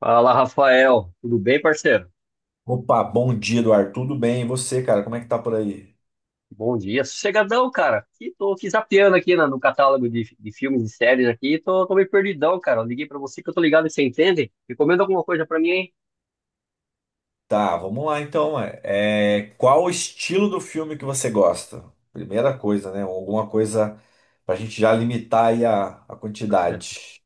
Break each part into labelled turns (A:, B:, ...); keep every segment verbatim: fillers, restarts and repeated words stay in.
A: Fala, Rafael. Tudo bem, parceiro?
B: Opa, bom dia, Eduardo. Tudo bem? E você, cara? Como é que tá por aí?
A: Bom dia. Sossegadão, cara. E tô aqui zapeando aqui na- no catálogo de, de filmes e séries aqui. Tô, tô meio perdidão, cara. Eu liguei pra você que eu tô ligado e você entende. Recomenda alguma coisa pra mim, hein?
B: Tá, vamos lá então. ué. É, qual o estilo do filme que você gosta? Primeira coisa, né? Alguma coisa pra gente já limitar aí a, a quantidade.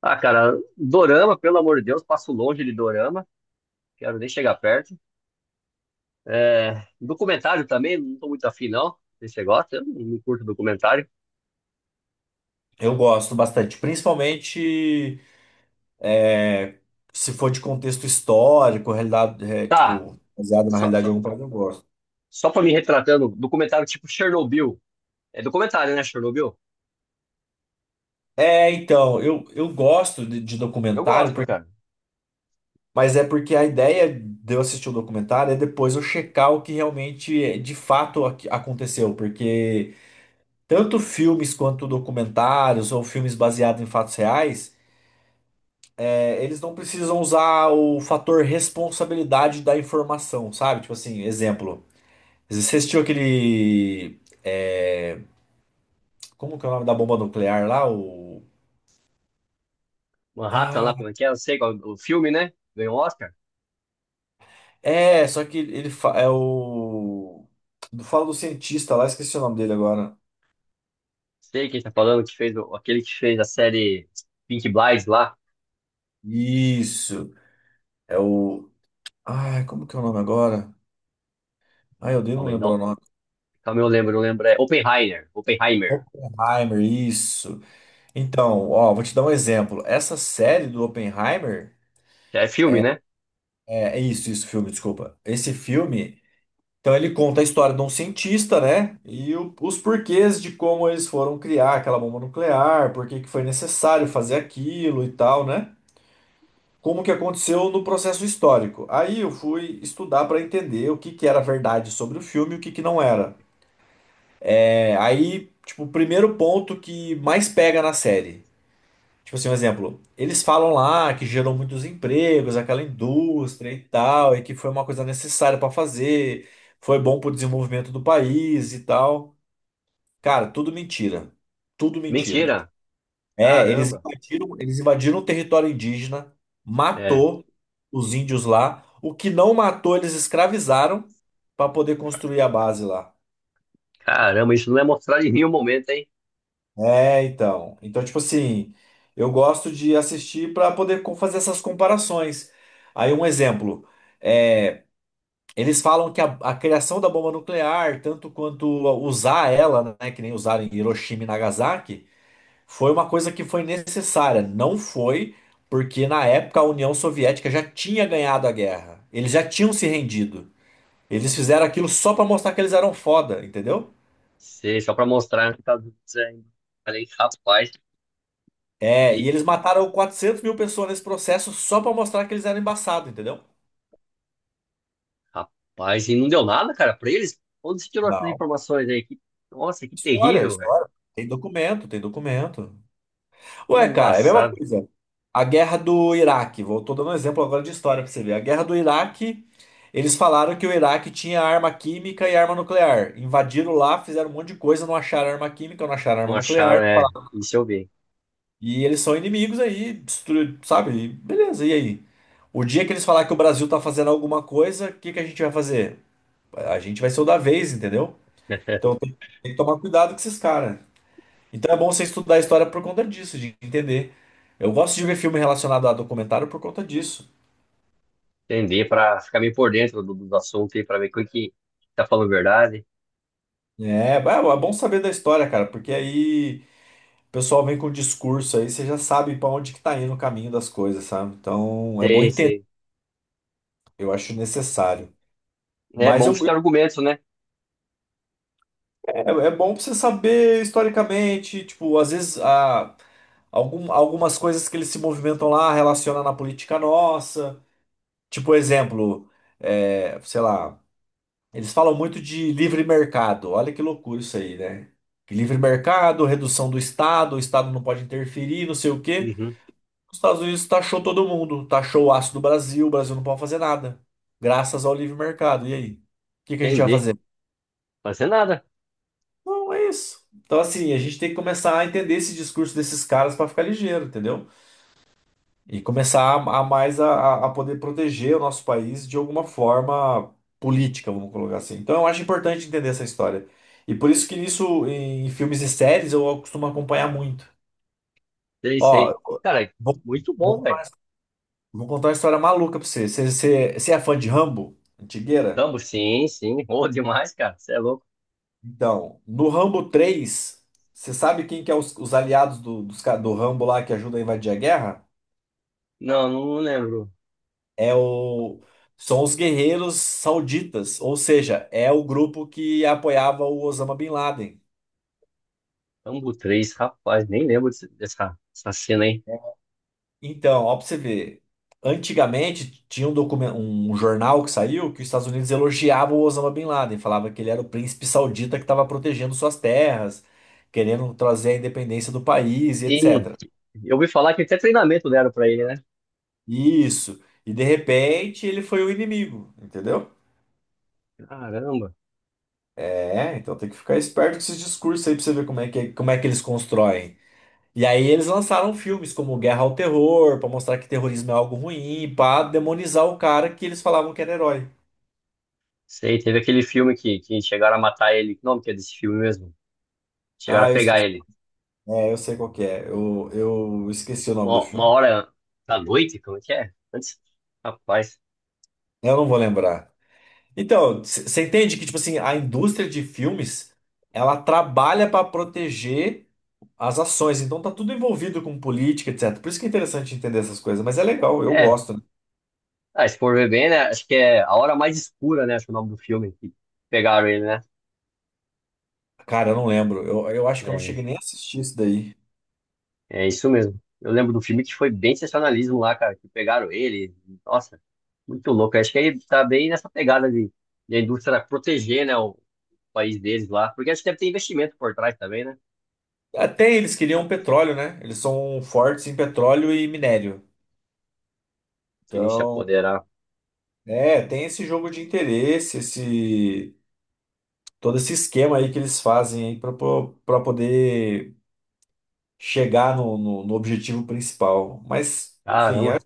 A: Ah, cara, dorama, pelo amor de Deus, passo longe de dorama. Quero nem chegar perto. É, documentário também, não tô muito afim, não. Se você gosta, eu não curto documentário.
B: Eu gosto bastante, principalmente é, se for de contexto histórico, realidade, é,
A: Tá,
B: tipo, baseado na
A: só,
B: realidade de
A: só,
B: algum país, eu gosto.
A: só pra me retratando, documentário tipo Chernobyl. É documentário, né, Chernobyl?
B: É, então, eu, eu gosto de, de
A: Eu
B: documentário,
A: gosto,
B: porque
A: cara.
B: mas é porque a ideia de eu assistir o documentário é depois eu checar o que realmente, é, de fato, ac- aconteceu. Porque tanto filmes quanto documentários ou filmes baseados em fatos reais, é, eles não precisam usar o fator responsabilidade da informação, sabe? Tipo assim, exemplo. Você assistiu aquele. É, como que é o nome da bomba nuclear lá? O.
A: Manhattan
B: Ah,
A: lá, como é que é? Eu sei qual, o filme, né? Ganhou o Oscar.
B: é, só que ele fa- é o. Fala do cientista lá, esqueci o nome dele agora.
A: Sei quem tá falando, que fez o- aquele que fez a série Pink Blinds lá.
B: Isso. É o. Ai, como que é o nome agora? Ai, eu odeio não
A: Calma aí,
B: lembrar
A: não,
B: o nome.
A: calma aí, eu lembro, eu lembro. É Oppenheimer, Oppenheimer.
B: Oppenheimer, isso. Então, ó, vou te dar um exemplo. Essa série do Oppenheimer.
A: É filme, né?
B: É, é isso, isso, filme, desculpa. Esse filme. Então, ele conta a história de um cientista, né? E o- os porquês de como eles foram criar aquela bomba nuclear, por que que foi necessário fazer aquilo e tal, né? Como que aconteceu no processo histórico. Aí eu fui estudar para entender o que que era verdade sobre o filme e o que que não era. É, aí, tipo, o primeiro ponto que mais pega na série. Tipo assim, um exemplo. Eles falam lá que gerou muitos empregos, aquela indústria e tal, e que foi uma coisa necessária pra fazer, foi bom pro desenvolvimento do país e tal. Cara, tudo mentira. Tudo mentira.
A: Mentira!
B: É, eles
A: Caramba!
B: invadiram, eles invadiram o território indígena,
A: É,
B: matou os índios lá. O que não matou, eles escravizaram pra poder construir a base lá.
A: caramba, isso não é mostrar de mim o momento, hein?
B: É, então. Então, tipo assim, eu gosto de assistir para poder co- fazer essas comparações. Aí, um exemplo. É, eles falam que a, a criação da bomba nuclear, tanto quanto usar ela, né, que nem usaram em Hiroshima e Nagasaki, foi uma coisa que foi necessária. Não foi porque, na época, a União Soviética já tinha ganhado a guerra. Eles já tinham se rendido. Eles fizeram aquilo só para mostrar que eles eram foda, entendeu?
A: Sei, só pra mostrar que tá dizendo. Falei, rapaz,
B: É,
A: e,
B: e eles mataram quatrocentos mil pessoas nesse processo só pra mostrar que eles eram embaçados, entendeu?
A: rapaz, e não deu nada, cara, pra eles? Onde se tirou essas
B: Não.
A: informações aí? Que- nossa, que
B: História,
A: terrível, velho.
B: história. Tem documento, tem documento.
A: Que
B: Ué, cara, é a mesma
A: embaçado.
B: coisa. A guerra do Iraque, vou tô dando um exemplo agora de história pra você ver. A guerra do Iraque, eles falaram que o Iraque tinha arma química e arma nuclear. Invadiram lá, fizeram um monte de coisa, não acharam arma química, não acharam arma
A: Não acharam,
B: nuclear.
A: é, isso eu vi.
B: E eles são inimigos aí, destru- sabe? E beleza, e aí? O dia que eles falar que o Brasil tá fazendo alguma coisa, o que que a gente vai fazer? A gente vai ser o da vez, entendeu? Então tem, tem que tomar cuidado com esses caras. Então é bom você estudar a história por conta disso, de entender. Eu gosto de ver filme relacionado a documentário por conta disso.
A: Entender para ficar meio por dentro do, do assunto aí, para ver quem que tá falando a verdade.
B: É, é é bom saber da história, cara, porque aí o pessoal vem com o discurso aí, você já sabe pra onde que tá indo o caminho das coisas, sabe? Então é bom
A: Sei,
B: entender,
A: sei.
B: eu acho necessário.
A: É
B: Mas
A: bom
B: eu-
A: pra você ter argumentos, né?
B: é, é bom pra você saber historicamente, tipo, às vezes a, algum- algumas coisas que eles se movimentam lá relaciona na política nossa. Tipo, exemplo, é, sei lá, eles falam muito de livre mercado. Olha que loucura isso aí, né? Que livre mercado, redução do Estado, o Estado não pode interferir, não sei o quê.
A: Uhum.
B: Os Estados Unidos taxou todo mundo, taxou o aço do Brasil, o Brasil não pode fazer nada, graças ao livre mercado. E aí? O que que a gente vai
A: Entendi.
B: fazer?
A: Fazer nada.
B: Não, é isso. Então, assim, a gente tem que começar a entender esse discurso desses caras para ficar ligeiro, entendeu? E começar a, a mais a, a poder proteger o nosso país de alguma forma política, vamos colocar assim. Então eu acho importante entender essa história. E por isso que isso em, filmes e séries eu costumo acompanhar muito.
A: Sei,
B: Ó,
A: sei. Cara,
B: vou,
A: muito
B: vou
A: bom, velho.
B: contar vou contar uma história maluca pra você. Você, você, você é fã de Rambo? Antigueira?
A: Rambo, sim, sim. Boa demais, cara. Você é louco.
B: Então, no Rambo três você sabe quem que é os, os aliados do, dos ca- do Rambo lá que ajudam a invadir a guerra?
A: Não, não lembro.
B: É o São os guerreiros sauditas, ou seja, é o grupo que apoiava o Osama Bin Laden.
A: Rambo três, rapaz, nem lembro desse- dessa, dessa cena aí.
B: Então, ó, pra você ver, antigamente tinha um documento, um jornal que saiu que os Estados Unidos elogiava o Osama Bin Laden, falava que ele era o príncipe saudita que estava protegendo suas terras, querendo trazer a independência do país e
A: Sim,
B: et cetera.
A: eu ouvi falar que até treinamento deram pra ele, né?
B: Isso. E de repente ele foi o inimigo, entendeu?
A: Caramba.
B: É, então tem que ficar esperto com esses discursos aí pra você ver como é que, é, como é que eles constroem. E aí eles lançaram filmes como Guerra ao Terror, pra mostrar que terrorismo é algo ruim, pra demonizar o cara que eles falavam que era herói.
A: Sei, teve aquele filme que, que chegaram a matar ele. Que nome que é desse filme mesmo? Chegaram a
B: Ah, eu
A: pegar
B: esqueci.
A: ele.
B: É, eu sei qual que é. Eu, eu esqueci o nome do
A: Uma, uma
B: filme.
A: hora da noite, como é que é? Antes, rapaz.
B: Eu não vou lembrar. Então, você entende que, tipo assim, a indústria de filmes, ela trabalha pra proteger as ações. Então tá tudo envolvido com política, et cetera. Por isso que é interessante entender essas coisas. Mas é legal, eu
A: É.
B: gosto. Né?
A: Ah, se for ver bem, né? Acho que é A Hora Mais Escura, né? Acho que é o nome do filme que pegaram ele, né?
B: Cara, eu não lembro. Eu, eu acho que eu não
A: É,
B: cheguei nem a assistir isso daí.
A: é isso mesmo. Eu lembro do filme que foi bem sensacionalismo lá, cara, que pegaram ele. Nossa, muito louco. Acho que ele tá bem nessa pegada de, de a indústria proteger, né, o país deles lá. Porque acho que deve ter investimento por trás também, né?
B: Até eles queriam petróleo, né? Eles são fortes em petróleo e minério.
A: Que eles se
B: Então,
A: apoderar.
B: é, tem esse jogo de interesse, esse todo esse esquema aí que eles fazem aí para poder chegar no, no, no objetivo principal. Mas, enfim, é,
A: Caramba.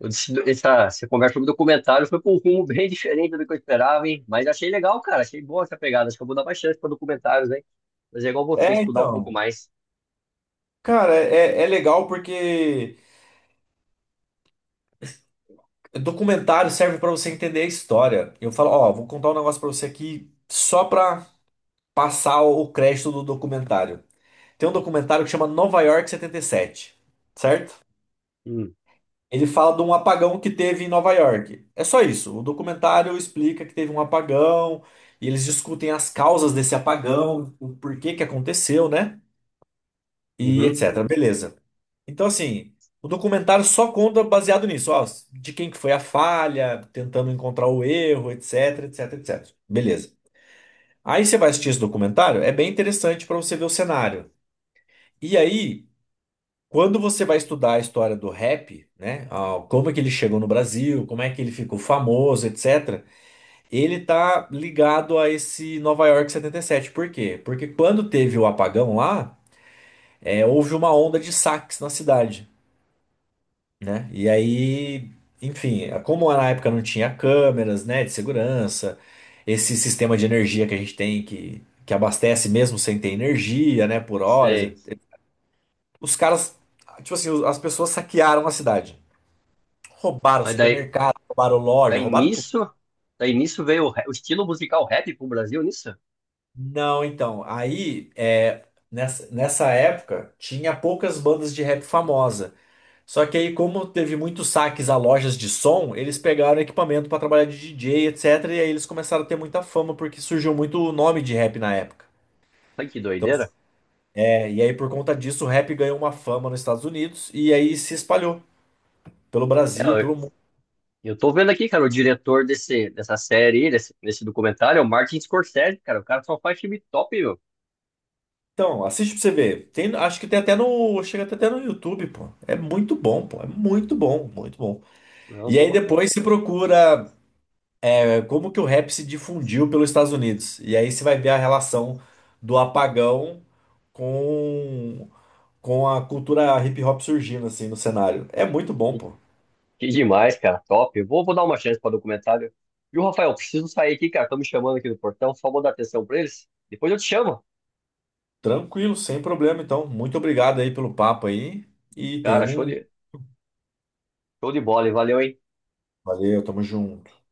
A: Eu disse- Essa, essa conversa sobre documentário foi para um rumo bem diferente do que eu esperava, hein? Mas achei legal, cara. Achei boa essa pegada. Acho que eu vou dar mais chance para documentários, hein? Mas é igual você,
B: é,
A: estudar um pouco
B: então.
A: mais.
B: Cara, é, é legal porque documentário serve para você entender a história. Eu falo, ó, vou contar um negócio para você aqui só para passar o crédito do documentário. Tem um documentário que chama Nova York setenta e sete, certo?
A: Hum,
B: Ele fala de um apagão que teve em Nova York. É só isso. O documentário explica que teve um apagão e eles discutem as causas desse apagão, o porquê que aconteceu, né? E
A: uhum,
B: et cetera. Beleza. Então, assim, o documentário só conta baseado nisso, ó, de quem que foi a falha, tentando encontrar o erro, etc, etc, et cetera. Beleza. Aí você vai assistir esse documentário, é bem interessante para você ver o cenário. E aí quando você vai estudar a história do rap, né, ah, como é que ele chegou no Brasil, como é que ele ficou famoso, et cetera, ele tá ligado a esse Nova York setenta e sete. Por quê? Porque quando teve o apagão lá, é, houve uma onda de saques na cidade, né? E aí, enfim, é, como na época não tinha câmeras, né, de segurança, esse sistema de energia que a gente tem que, que abastece mesmo sem ter energia, né, por horas, et-
A: sei.
B: et- os caras, tipo assim, as pessoas saquearam a cidade. Roubaram
A: Mas daí,
B: supermercado, roubaram loja,
A: daí
B: roubaram tudo.
A: nisso, daí nisso veio o, ra- o estilo musical rap pro Brasil, nisso?
B: Não, então, aí é, nessa, nessa época tinha poucas bandas de rap famosa. Só que aí, como teve muitos saques a lojas de som, eles pegaram equipamento para trabalhar de D J, et cetera. E aí eles começaram a ter muita fama, porque surgiu muito nome de rap na época.
A: Ai, que
B: Então,
A: doideira.
B: é, e aí, por conta disso, o rap ganhou uma fama nos Estados Unidos e aí se espalhou pelo
A: É,
B: Brasil, e
A: eu,
B: pelo mundo.
A: eu tô vendo aqui, cara, o diretor desse, dessa série, aí, desse, desse documentário, é o Martin Scorsese, cara. O cara só faz filme top, meu.
B: Então, assiste pra você ver. Tem, acho que tem até no. Chega até no YouTube, pô. É muito bom, pô. É muito bom, muito bom.
A: Não,
B: E aí
A: vou.
B: depois se procura é, como que o rap se difundiu pelos Estados Unidos. E aí você vai ver a relação do apagão com, com a cultura hip hop surgindo, assim, no cenário. É muito bom, pô.
A: Que demais, cara. Top. Eu vou, vou dar uma chance para documentário. Viu, Rafael? Preciso sair aqui, cara. Estão me chamando aqui no portão. Só vou dar atenção para eles. Depois eu te chamo.
B: Tranquilo, sem problema, então. Muito obrigado aí pelo papo aí. E tem
A: Cara, show
B: um.
A: de, show de bola, hein? Valeu, hein?
B: Valeu, tamo junto.